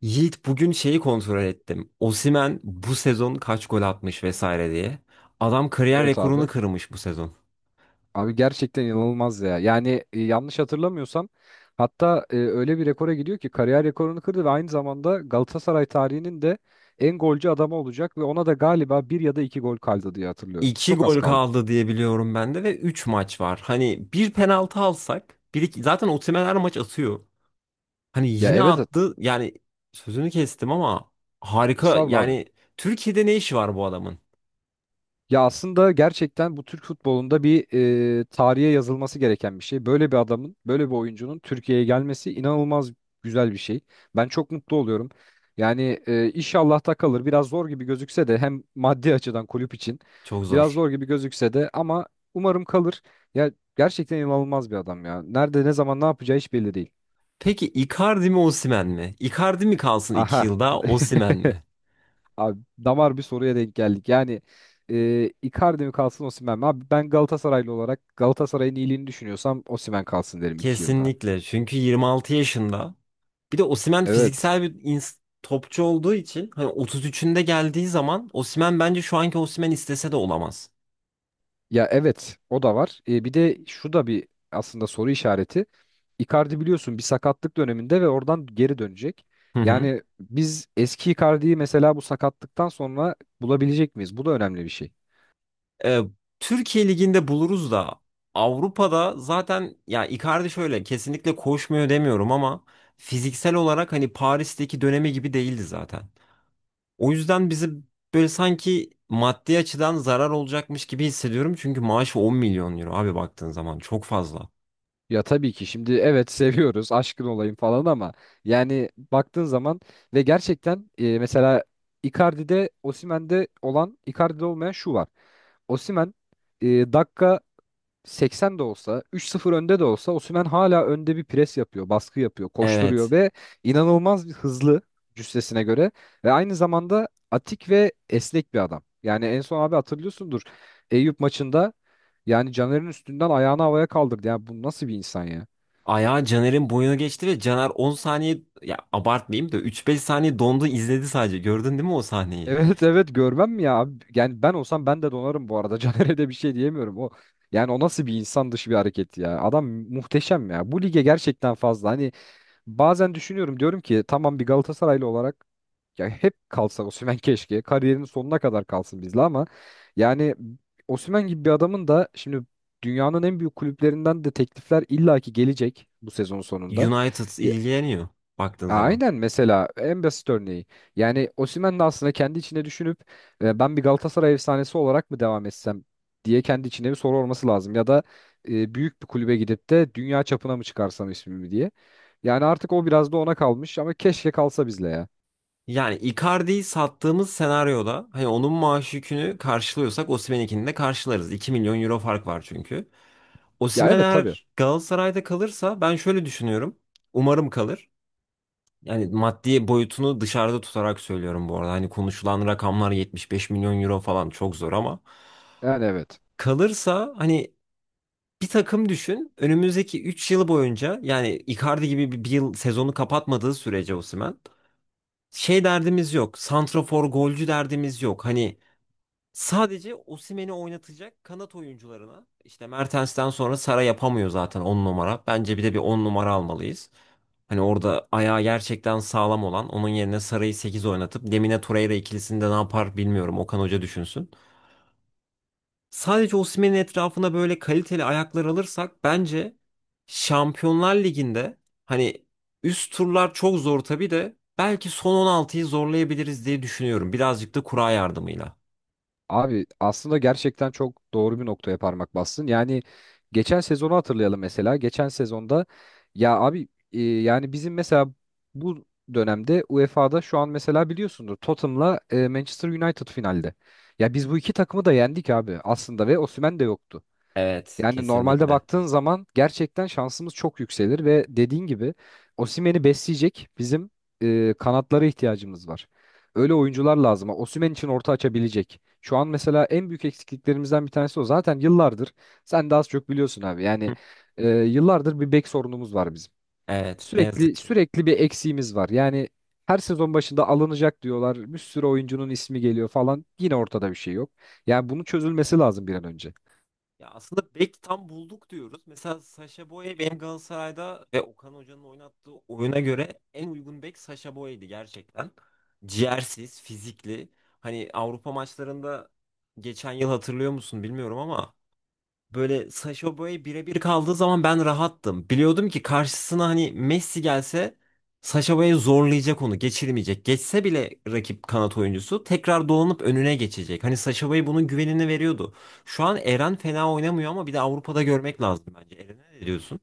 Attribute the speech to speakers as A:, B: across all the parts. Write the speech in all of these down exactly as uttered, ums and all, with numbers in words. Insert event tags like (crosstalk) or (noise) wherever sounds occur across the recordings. A: Yiğit bugün şeyi kontrol ettim. Osimhen bu sezon kaç gol atmış vesaire diye. Adam kariyer
B: Evet
A: rekorunu
B: abi.
A: kırmış bu sezon.
B: Abi gerçekten inanılmaz ya. Yani e, yanlış hatırlamıyorsam hatta e, öyle bir rekora gidiyor ki kariyer rekorunu kırdı ve aynı zamanda Galatasaray tarihinin de en golcü adamı olacak ve ona da galiba bir ya da iki gol kaldı diye hatırlıyorum.
A: iki
B: Çok az
A: gol
B: kaldı.
A: kaldı diye biliyorum ben de ve üç maç var. Hani bir penaltı alsak, bir iki, zaten Osimhen her maç atıyor. Hani
B: Ya
A: yine
B: evet. evet.
A: attı. Yani sözünü kestim ama harika.
B: Estağfurullah abi.
A: Yani Türkiye'de ne işi var bu adamın?
B: Ya aslında gerçekten bu Türk futbolunda bir e, tarihe yazılması gereken bir şey. Böyle bir adamın, böyle bir oyuncunun Türkiye'ye gelmesi inanılmaz güzel bir şey. Ben çok mutlu oluyorum. Yani e, inşallah da kalır. Biraz zor gibi gözükse de hem maddi açıdan kulüp için
A: Çok
B: biraz
A: zor.
B: zor gibi gözükse de ama umarım kalır. Ya gerçekten inanılmaz bir adam ya. Nerede, ne zaman, ne yapacağı hiç belli değil.
A: Peki Icardi mi Osimhen mi? Icardi mi kalsın iki
B: Aha.
A: yılda,
B: (laughs)
A: Osimhen mi?
B: Abi damar bir soruya denk geldik. Yani e, Icardi mi kalsın Osimhen mi? Abi ben Galatasaraylı olarak Galatasaray'ın iyiliğini düşünüyorsam Osimhen kalsın derim iki yılda.
A: Kesinlikle. Çünkü yirmi altı yaşında. Bir de Osimhen
B: Evet.
A: fiziksel bir ins- topçu olduğu için hani otuz üçünde geldiği zaman Osimhen bence şu anki Osimhen istese de olamaz.
B: Ya evet o da var. E, bir de şu da bir aslında soru işareti. Icardi biliyorsun bir sakatlık döneminde ve oradan geri dönecek.
A: Hı hı.
B: Yani biz eski Icardi'yi mesela bu sakatlıktan sonra bulabilecek miyiz? Bu da önemli bir şey.
A: Ee, Türkiye Ligi'nde buluruz da Avrupa'da zaten ya Icardi şöyle kesinlikle koşmuyor demiyorum ama fiziksel olarak hani Paris'teki dönemi gibi değildi zaten. O yüzden bizi böyle sanki maddi açıdan zarar olacakmış gibi hissediyorum çünkü maaşı on milyon euro abi baktığın zaman çok fazla.
B: Ya tabii ki şimdi evet (laughs) seviyoruz aşkın olayım falan ama yani baktığın zaman ve gerçekten e, mesela Icardi'de Osimhen'de olan Icardi'de olmayan şu var. Osimhen e, dakika seksen de olsa, üç sıfır önde de olsa Osimhen hala önde bir pres yapıyor, baskı yapıyor, koşturuyor
A: Evet.
B: ve inanılmaz bir hızlı cüssesine göre ve aynı zamanda atik ve esnek bir adam. Yani en son abi hatırlıyorsundur Eyüp maçında yani Caner'in üstünden ayağını havaya kaldırdı. Yani bu nasıl bir insan ya? (laughs)
A: Ayağı Caner'in boyuna geçti ve Caner on saniye ya abartmayayım da üç beş saniye dondu izledi sadece. Gördün değil mi o sahneyi?
B: Evet evet görmem mi ya abi? Yani ben olsam ben de donarım bu arada. (laughs) Caner'e de bir şey diyemiyorum. O yani o nasıl bir insan dışı bir hareket ya. Adam muhteşem ya. Bu lige gerçekten fazla. Hani bazen düşünüyorum diyorum ki tamam bir Galatasaraylı olarak ya hep kalsa Osimhen keşke kariyerinin sonuna kadar kalsın bizle ama yani Osimhen gibi bir adamın da şimdi dünyanın en büyük kulüplerinden de teklifler illaki gelecek bu sezon sonunda.
A: United ilgileniyor baktığın zaman.
B: Aynen mesela en basit örneği. Yani Osimhen de aslında kendi içine düşünüp e, ben bir Galatasaray efsanesi olarak mı devam etsem diye kendi içine bir soru olması lazım. Ya da e, büyük bir kulübe gidip de dünya çapına mı çıkarsam ismimi diye. Yani artık o biraz da ona kalmış ama keşke kalsa bizle ya.
A: Yani Icardi'yi sattığımız senaryoda hani onun maaş yükünü karşılıyorsak Osimhen'inkini de karşılarız. iki milyon euro fark var çünkü.
B: Ya
A: Osimhen
B: evet tabii.
A: eğer Galatasaray'da kalırsa ben şöyle düşünüyorum. Umarım kalır. Yani maddi boyutunu dışarıda tutarak söylüyorum bu arada. Hani konuşulan rakamlar yetmiş beş milyon euro falan çok zor ama
B: Yani evet.
A: kalırsa hani bir takım düşün. Önümüzdeki üç yıl boyunca yani Icardi gibi bir, bir yıl sezonu kapatmadığı sürece Osimhen şey derdimiz yok. Santrafor golcü derdimiz yok. Hani sadece Osimhen'i oynatacak kanat oyuncularına işte Mertens'ten sonra Sara yapamıyor zaten on numara. Bence bir de bir on numara almalıyız. Hani orada ayağı gerçekten sağlam olan onun yerine Sara'yı sekiz oynatıp Lemine Torreira ikilisini de ne yapar bilmiyorum. Okan Hoca düşünsün. Sadece Osimhen'in etrafına böyle kaliteli ayaklar alırsak bence Şampiyonlar Ligi'nde hani üst turlar çok zor tabii de belki son on altıyı zorlayabiliriz diye düşünüyorum. Birazcık da kura yardımıyla.
B: Abi aslında gerçekten çok doğru bir noktaya parmak bastın. Yani geçen sezonu hatırlayalım mesela. Geçen sezonda ya abi e, yani bizim mesela bu dönemde UEFA'da şu an mesela biliyorsundur Tottenham'la e, Manchester United finalde. Ya biz bu iki takımı da yendik abi aslında ve Osimhen de yoktu.
A: Evet,
B: Yani normalde
A: kesinlikle.
B: baktığın zaman gerçekten şansımız çok yükselir ve dediğin gibi Osimhen'i besleyecek bizim e, kanatlara ihtiyacımız var. Öyle oyuncular lazım. Osimhen için orta açabilecek. Şu an mesela en büyük eksikliklerimizden bir tanesi o. Zaten yıllardır sen de az çok biliyorsun abi. Yani e, yıllardır bir bek sorunumuz var bizim.
A: Evet, ne
B: Sürekli
A: yazık ki.
B: sürekli bir eksiğimiz var. Yani her sezon başında alınacak diyorlar. Bir sürü oyuncunun ismi geliyor falan. Yine ortada bir şey yok. Yani bunun çözülmesi lazım bir an önce.
A: Ya aslında bek tam bulduk diyoruz. Mesela Sacha Boey benim Galatasaray'da ve Okan Hoca'nın oynattığı oyuna göre en uygun bek Sacha Boey'di gerçekten. Ciğersiz, fizikli. Hani Avrupa maçlarında geçen yıl hatırlıyor musun bilmiyorum ama böyle Sacha Boey birebir kaldığı zaman ben rahattım. Biliyordum ki karşısına hani Messi gelse Sacha Boey zorlayacak onu, geçirmeyecek. Geçse bile rakip kanat oyuncusu tekrar dolanıp önüne geçecek. Hani Sacha Boey bunun güvenini veriyordu. Şu an Eren fena oynamıyor ama bir de Avrupa'da görmek lazım bence. Eren'e ne diyorsun?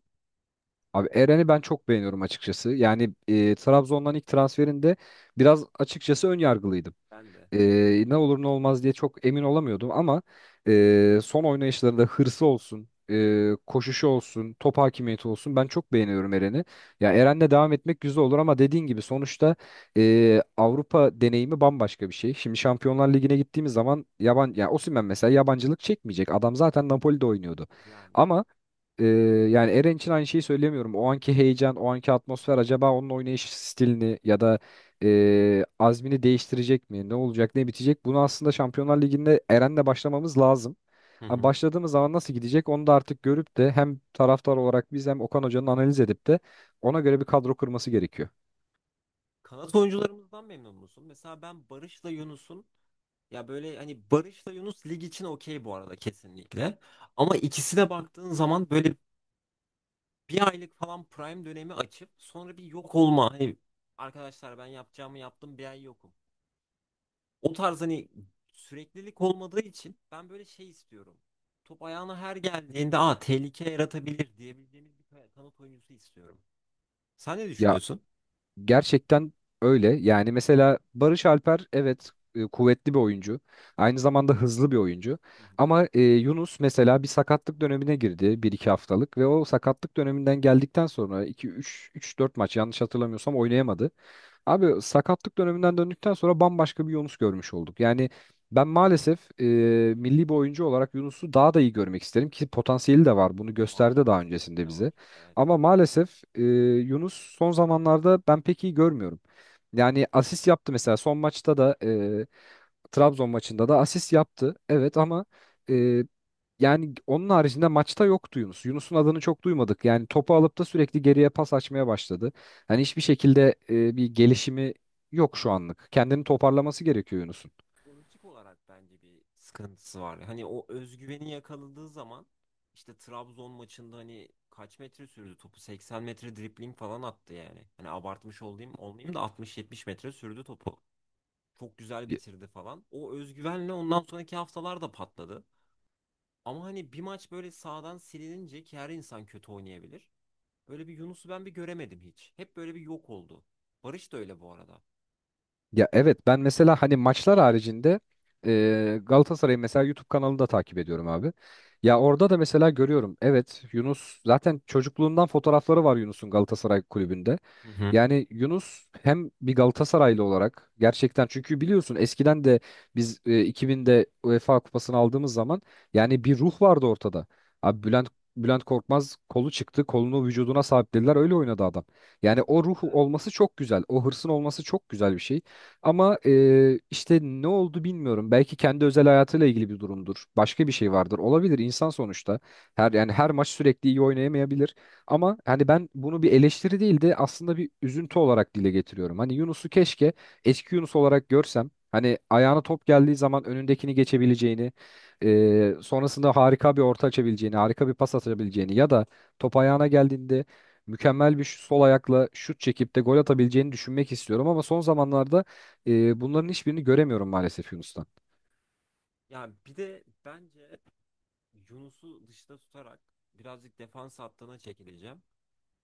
B: Abi Eren'i ben çok beğeniyorum açıkçası. Yani e, Trabzon'dan ilk transferinde biraz açıkçası ön yargılıydım.
A: Ben de
B: E, ne olur ne olmaz diye çok emin olamıyordum ama e, son oynayışlarında hırsı olsun, e, koşuşu olsun, top hakimiyeti olsun ben çok beğeniyorum Eren'i. Ya Eren'le devam etmek güzel olur ama dediğin gibi sonuçta e, Avrupa deneyimi bambaşka bir şey. Şimdi Şampiyonlar Ligi'ne gittiğimiz zaman yaban ya Osimhen mesela yabancılık çekmeyecek. Adam zaten Napoli'de oynuyordu.
A: yani.
B: Ama e, yani Eren için aynı şeyi söyleyemiyorum. O anki heyecan, o anki atmosfer acaba onun oynayış stilini ya da e, azmini değiştirecek mi? Ne olacak, ne bitecek? Bunu aslında Şampiyonlar Ligi'nde Eren'le başlamamız lazım.
A: Hı
B: Ama
A: hı.
B: başladığımız zaman nasıl gidecek onu da artık görüp de hem taraftar olarak biz hem Okan Hoca'nın analiz edip de ona göre bir kadro kurması gerekiyor.
A: Kanat oyuncularımızdan memnun musun? Mesela ben Barış'la Yunus'un ya böyle hani Barış'la Yunus lig için okey bu arada kesinlikle. Ama ikisine baktığın zaman böyle bir aylık falan prime dönemi açıp sonra bir yok olma. Hani arkadaşlar ben yapacağımı yaptım bir ay yokum. O tarz hani süreklilik olmadığı için ben böyle şey istiyorum. Top ayağına her geldiğinde aa tehlike yaratabilir diyebileceğimiz bir kanat oyuncusu istiyorum. Sen ne
B: Ya
A: düşünüyorsun?
B: gerçekten öyle. Yani mesela Barış Alper evet e, kuvvetli bir oyuncu. Aynı zamanda hızlı bir oyuncu.
A: Hı hı.
B: Ama e, Yunus mesela bir sakatlık dönemine girdi bir iki haftalık ve o sakatlık döneminden geldikten sonra iki üç üç dört maç yanlış hatırlamıyorsam oynayamadı. Abi sakatlık döneminden döndükten sonra bambaşka bir Yunus görmüş olduk. Yani ben maalesef e, milli bir oyuncu olarak Yunus'u daha da iyi görmek isterim ki potansiyeli de var. Bunu
A: Var
B: gösterdi daha öncesinde
A: kesinlikle var.
B: bize.
A: Evet.
B: Ama maalesef e, Yunus son zamanlarda ben pek iyi görmüyorum. Yani asist yaptı mesela son maçta da e, Trabzon maçında da asist yaptı. Evet ama e, yani onun haricinde maçta yoktu Yunus. Yunus'un adını çok duymadık. Yani topu alıp da sürekli geriye pas açmaya başladı. Hani hiçbir şekilde e, bir gelişimi yok şu anlık. Kendini toparlaması gerekiyor Yunus'un.
A: Psikolojik olarak bence bir sıkıntısı var. Hani o özgüveni yakaladığı zaman işte Trabzon maçında hani kaç metre sürdü topu? seksen metre dribling falan attı yani. Hani abartmış olayım olmayayım da altmış yetmiş metre sürdü topu. Çok güzel bitirdi falan. O özgüvenle ondan sonraki haftalar da patladı. Ama hani bir maç böyle sağdan silinince ki her insan kötü oynayabilir. Böyle bir Yunus'u ben bir göremedim hiç. Hep böyle bir yok oldu. Barış da öyle bu arada.
B: Ya evet ben mesela hani maçlar haricinde e, Galatasaray'ı mesela YouTube kanalında takip ediyorum abi. Ya orada da mesela görüyorum evet Yunus zaten çocukluğundan fotoğrafları var Yunus'un Galatasaray kulübünde.
A: Hı hı.
B: Yani Yunus hem bir Galatasaraylı olarak gerçekten çünkü biliyorsun eskiden de biz e, iki binde UEFA Kupası'nı aldığımız zaman yani bir ruh vardı ortada. Abi Bülent Bülent Korkmaz kolu çıktı, kolunu vücuduna sabitlediler öyle oynadı adam. Yani o
A: Kesinlikle.
B: ruhu olması çok güzel. O hırsın olması çok güzel bir şey. Ama e, işte ne oldu bilmiyorum. Belki kendi özel hayatıyla ilgili bir durumdur. Başka bir şey vardır. Olabilir insan sonuçta. Her yani her maç sürekli iyi oynayamayabilir. Ama hani ben bunu bir eleştiri değil de aslında bir üzüntü olarak dile getiriyorum. Hani Yunus'u keşke eski Yunus olarak görsem. Hani ayağına top geldiği zaman önündekini geçebileceğini, e, sonrasında harika bir orta açabileceğini, harika bir pas atabileceğini ya da top ayağına geldiğinde mükemmel bir şu- sol ayakla şut çekip de gol atabileceğini düşünmek istiyorum ama son zamanlarda e, bunların hiçbirini göremiyorum maalesef Yunus'tan.
A: Ya bir de bence Yunus'u dışta tutarak birazcık defans hattına çekileceğim.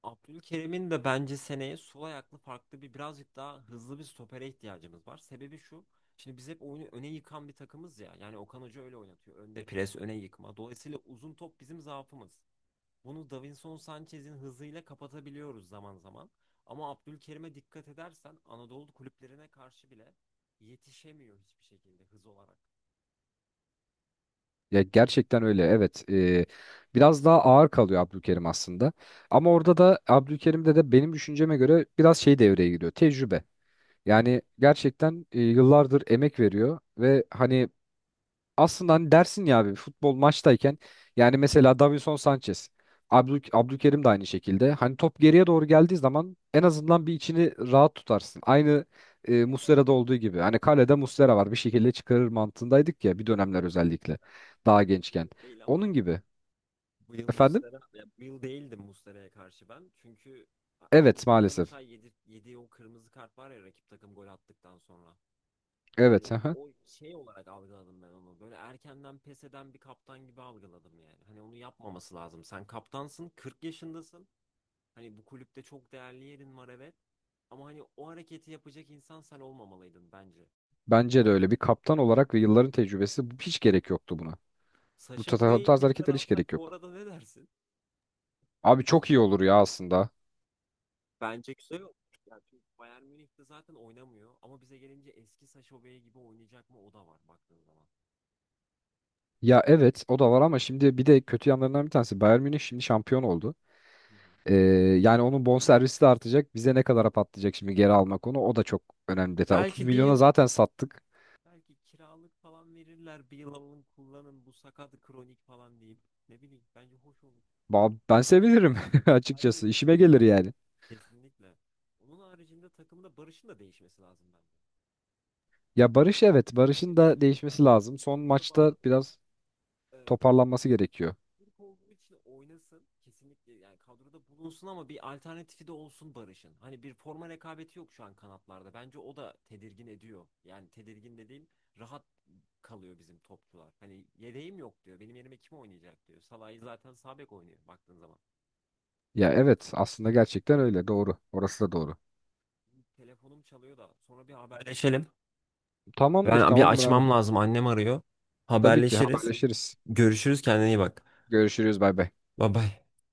A: Abdülkerim'in de bence seneye sol ayaklı farklı bir birazcık daha hızlı bir stopere ihtiyacımız var. Sebebi şu. Şimdi biz hep oyunu öne yıkan bir takımız ya. Yani Okan Hoca öyle oynatıyor. Önde pres, öne yıkma. Dolayısıyla uzun top bizim zaafımız. Bunu Davinson Sanchez'in hızıyla kapatabiliyoruz zaman zaman. Ama Abdülkerim'e dikkat edersen Anadolu kulüplerine karşı bile yetişemiyor hiçbir şekilde hız olarak.
B: Ya gerçekten öyle evet. Ee, biraz daha ağır kalıyor Abdülkerim aslında. Ama orada da Abdülkerim'de de benim düşünceme göre biraz şey devreye giriyor. Tecrübe.
A: Evet.
B: Yani gerçekten e, yıllardır emek veriyor ve hani aslında hani dersin ya abi futbol maçtayken yani mesela Davinson Sanchez, Abdül, Abdülkerim de aynı şekilde. Hani top geriye doğru geldiği zaman en azından bir içini rahat tutarsın. Aynı e, Muslera'da olduğu gibi. Hani
A: Evet, o
B: kalede
A: var.
B: Muslera var bir şekilde çıkarır mantığındaydık ya bir dönemler özellikle
A: Bu,
B: daha
A: şey- bu
B: gençken.
A: yıl değil
B: Onun
A: ama
B: gibi.
A: bu yıl
B: Efendim?
A: Muslera, ya bu yıl değildim Muslera'ya karşı ben. Çünkü A-
B: Evet
A: Avrupa'da
B: maalesef.
A: mesela yedi, yediği o kırmızı kart var ya rakip takım gol attıktan sonra.
B: Evet.
A: Hani
B: aha.
A: o şey olarak algıladım ben onu. Böyle erkenden pes eden bir kaptan gibi algıladım yani. Hani onu yapmaması lazım. Sen kaptansın, kırk yaşındasın. Hani bu kulüpte çok değerli yerin var evet. Ama hani o hareketi yapacak insan sen olmamalıydın bence.
B: Bence de öyle. Bir kaptan olarak ve yılların tecrübesi hiç gerek yoktu buna. Bu
A: Sacha
B: ta- ta- bu
A: Boey'i
B: tarz
A: tekrar
B: hareketler hiç gerek
A: alsak bu
B: yok.
A: arada ne dersin?
B: Abi çok iyi olur ya aslında.
A: Bence güzel olur. Yani çünkü Bayern Münih de zaten oynamıyor. Ama bize gelince eski Sacha Boey gibi oynayacak mı o da var baktığın zaman.
B: Ya evet o da var ama şimdi bir de kötü yanlarından bir tanesi Bayern Münih şimdi şampiyon oldu.
A: Hı hı.
B: Ee, yani onun bonservisi de artacak. Bize ne kadara patlayacak şimdi geri almak onu o da çok önemli detay. otuz
A: Belki bir
B: milyona
A: yıl
B: zaten sattık.
A: belki kiralık falan verirler. Bir yıl alın kullanın bu sakat kronik falan deyip. Ne bileyim bence hoş olur.
B: Ba- Ben sevinirim (laughs)
A: Ben de
B: açıkçası.
A: çok
B: İşime
A: isterim.
B: gelir yani.
A: Kesinlikle. Onun haricinde takımda Barış'ın da değişmesi lazım bence.
B: Ya Barış evet Barış'ın
A: Öyle
B: da
A: değişmesi
B: değişmesi
A: lazım.
B: lazım. Son
A: Yapanı
B: maçta
A: balla değil.
B: biraz
A: Ee,
B: toparlanması gerekiyor.
A: Türk olduğu için oynasın. Kesinlikle yani kadroda bulunsun ama bir alternatifi de olsun Barış'ın. Hani bir forma rekabeti yok şu an kanatlarda. Bence o da tedirgin ediyor. Yani tedirgin dediğim rahat kalıyor bizim topçular. Hani yedeğim yok diyor. Benim yerime kim oynayacak diyor. Salah'ı zaten sağ bek oynuyor baktığın zaman.
B: Ya evet aslında gerçekten öyle doğru. Orası da doğru.
A: Telefonum çalıyor da sonra bir haberleşelim.
B: Tamamdır
A: Ben bir
B: tamamdır abi.
A: açmam lazım. Annem arıyor.
B: Tabii ki
A: Haberleşiriz.
B: haberleşiriz.
A: Görüşürüz. Kendine iyi bak.
B: Görüşürüz bay bay.
A: Bye bye.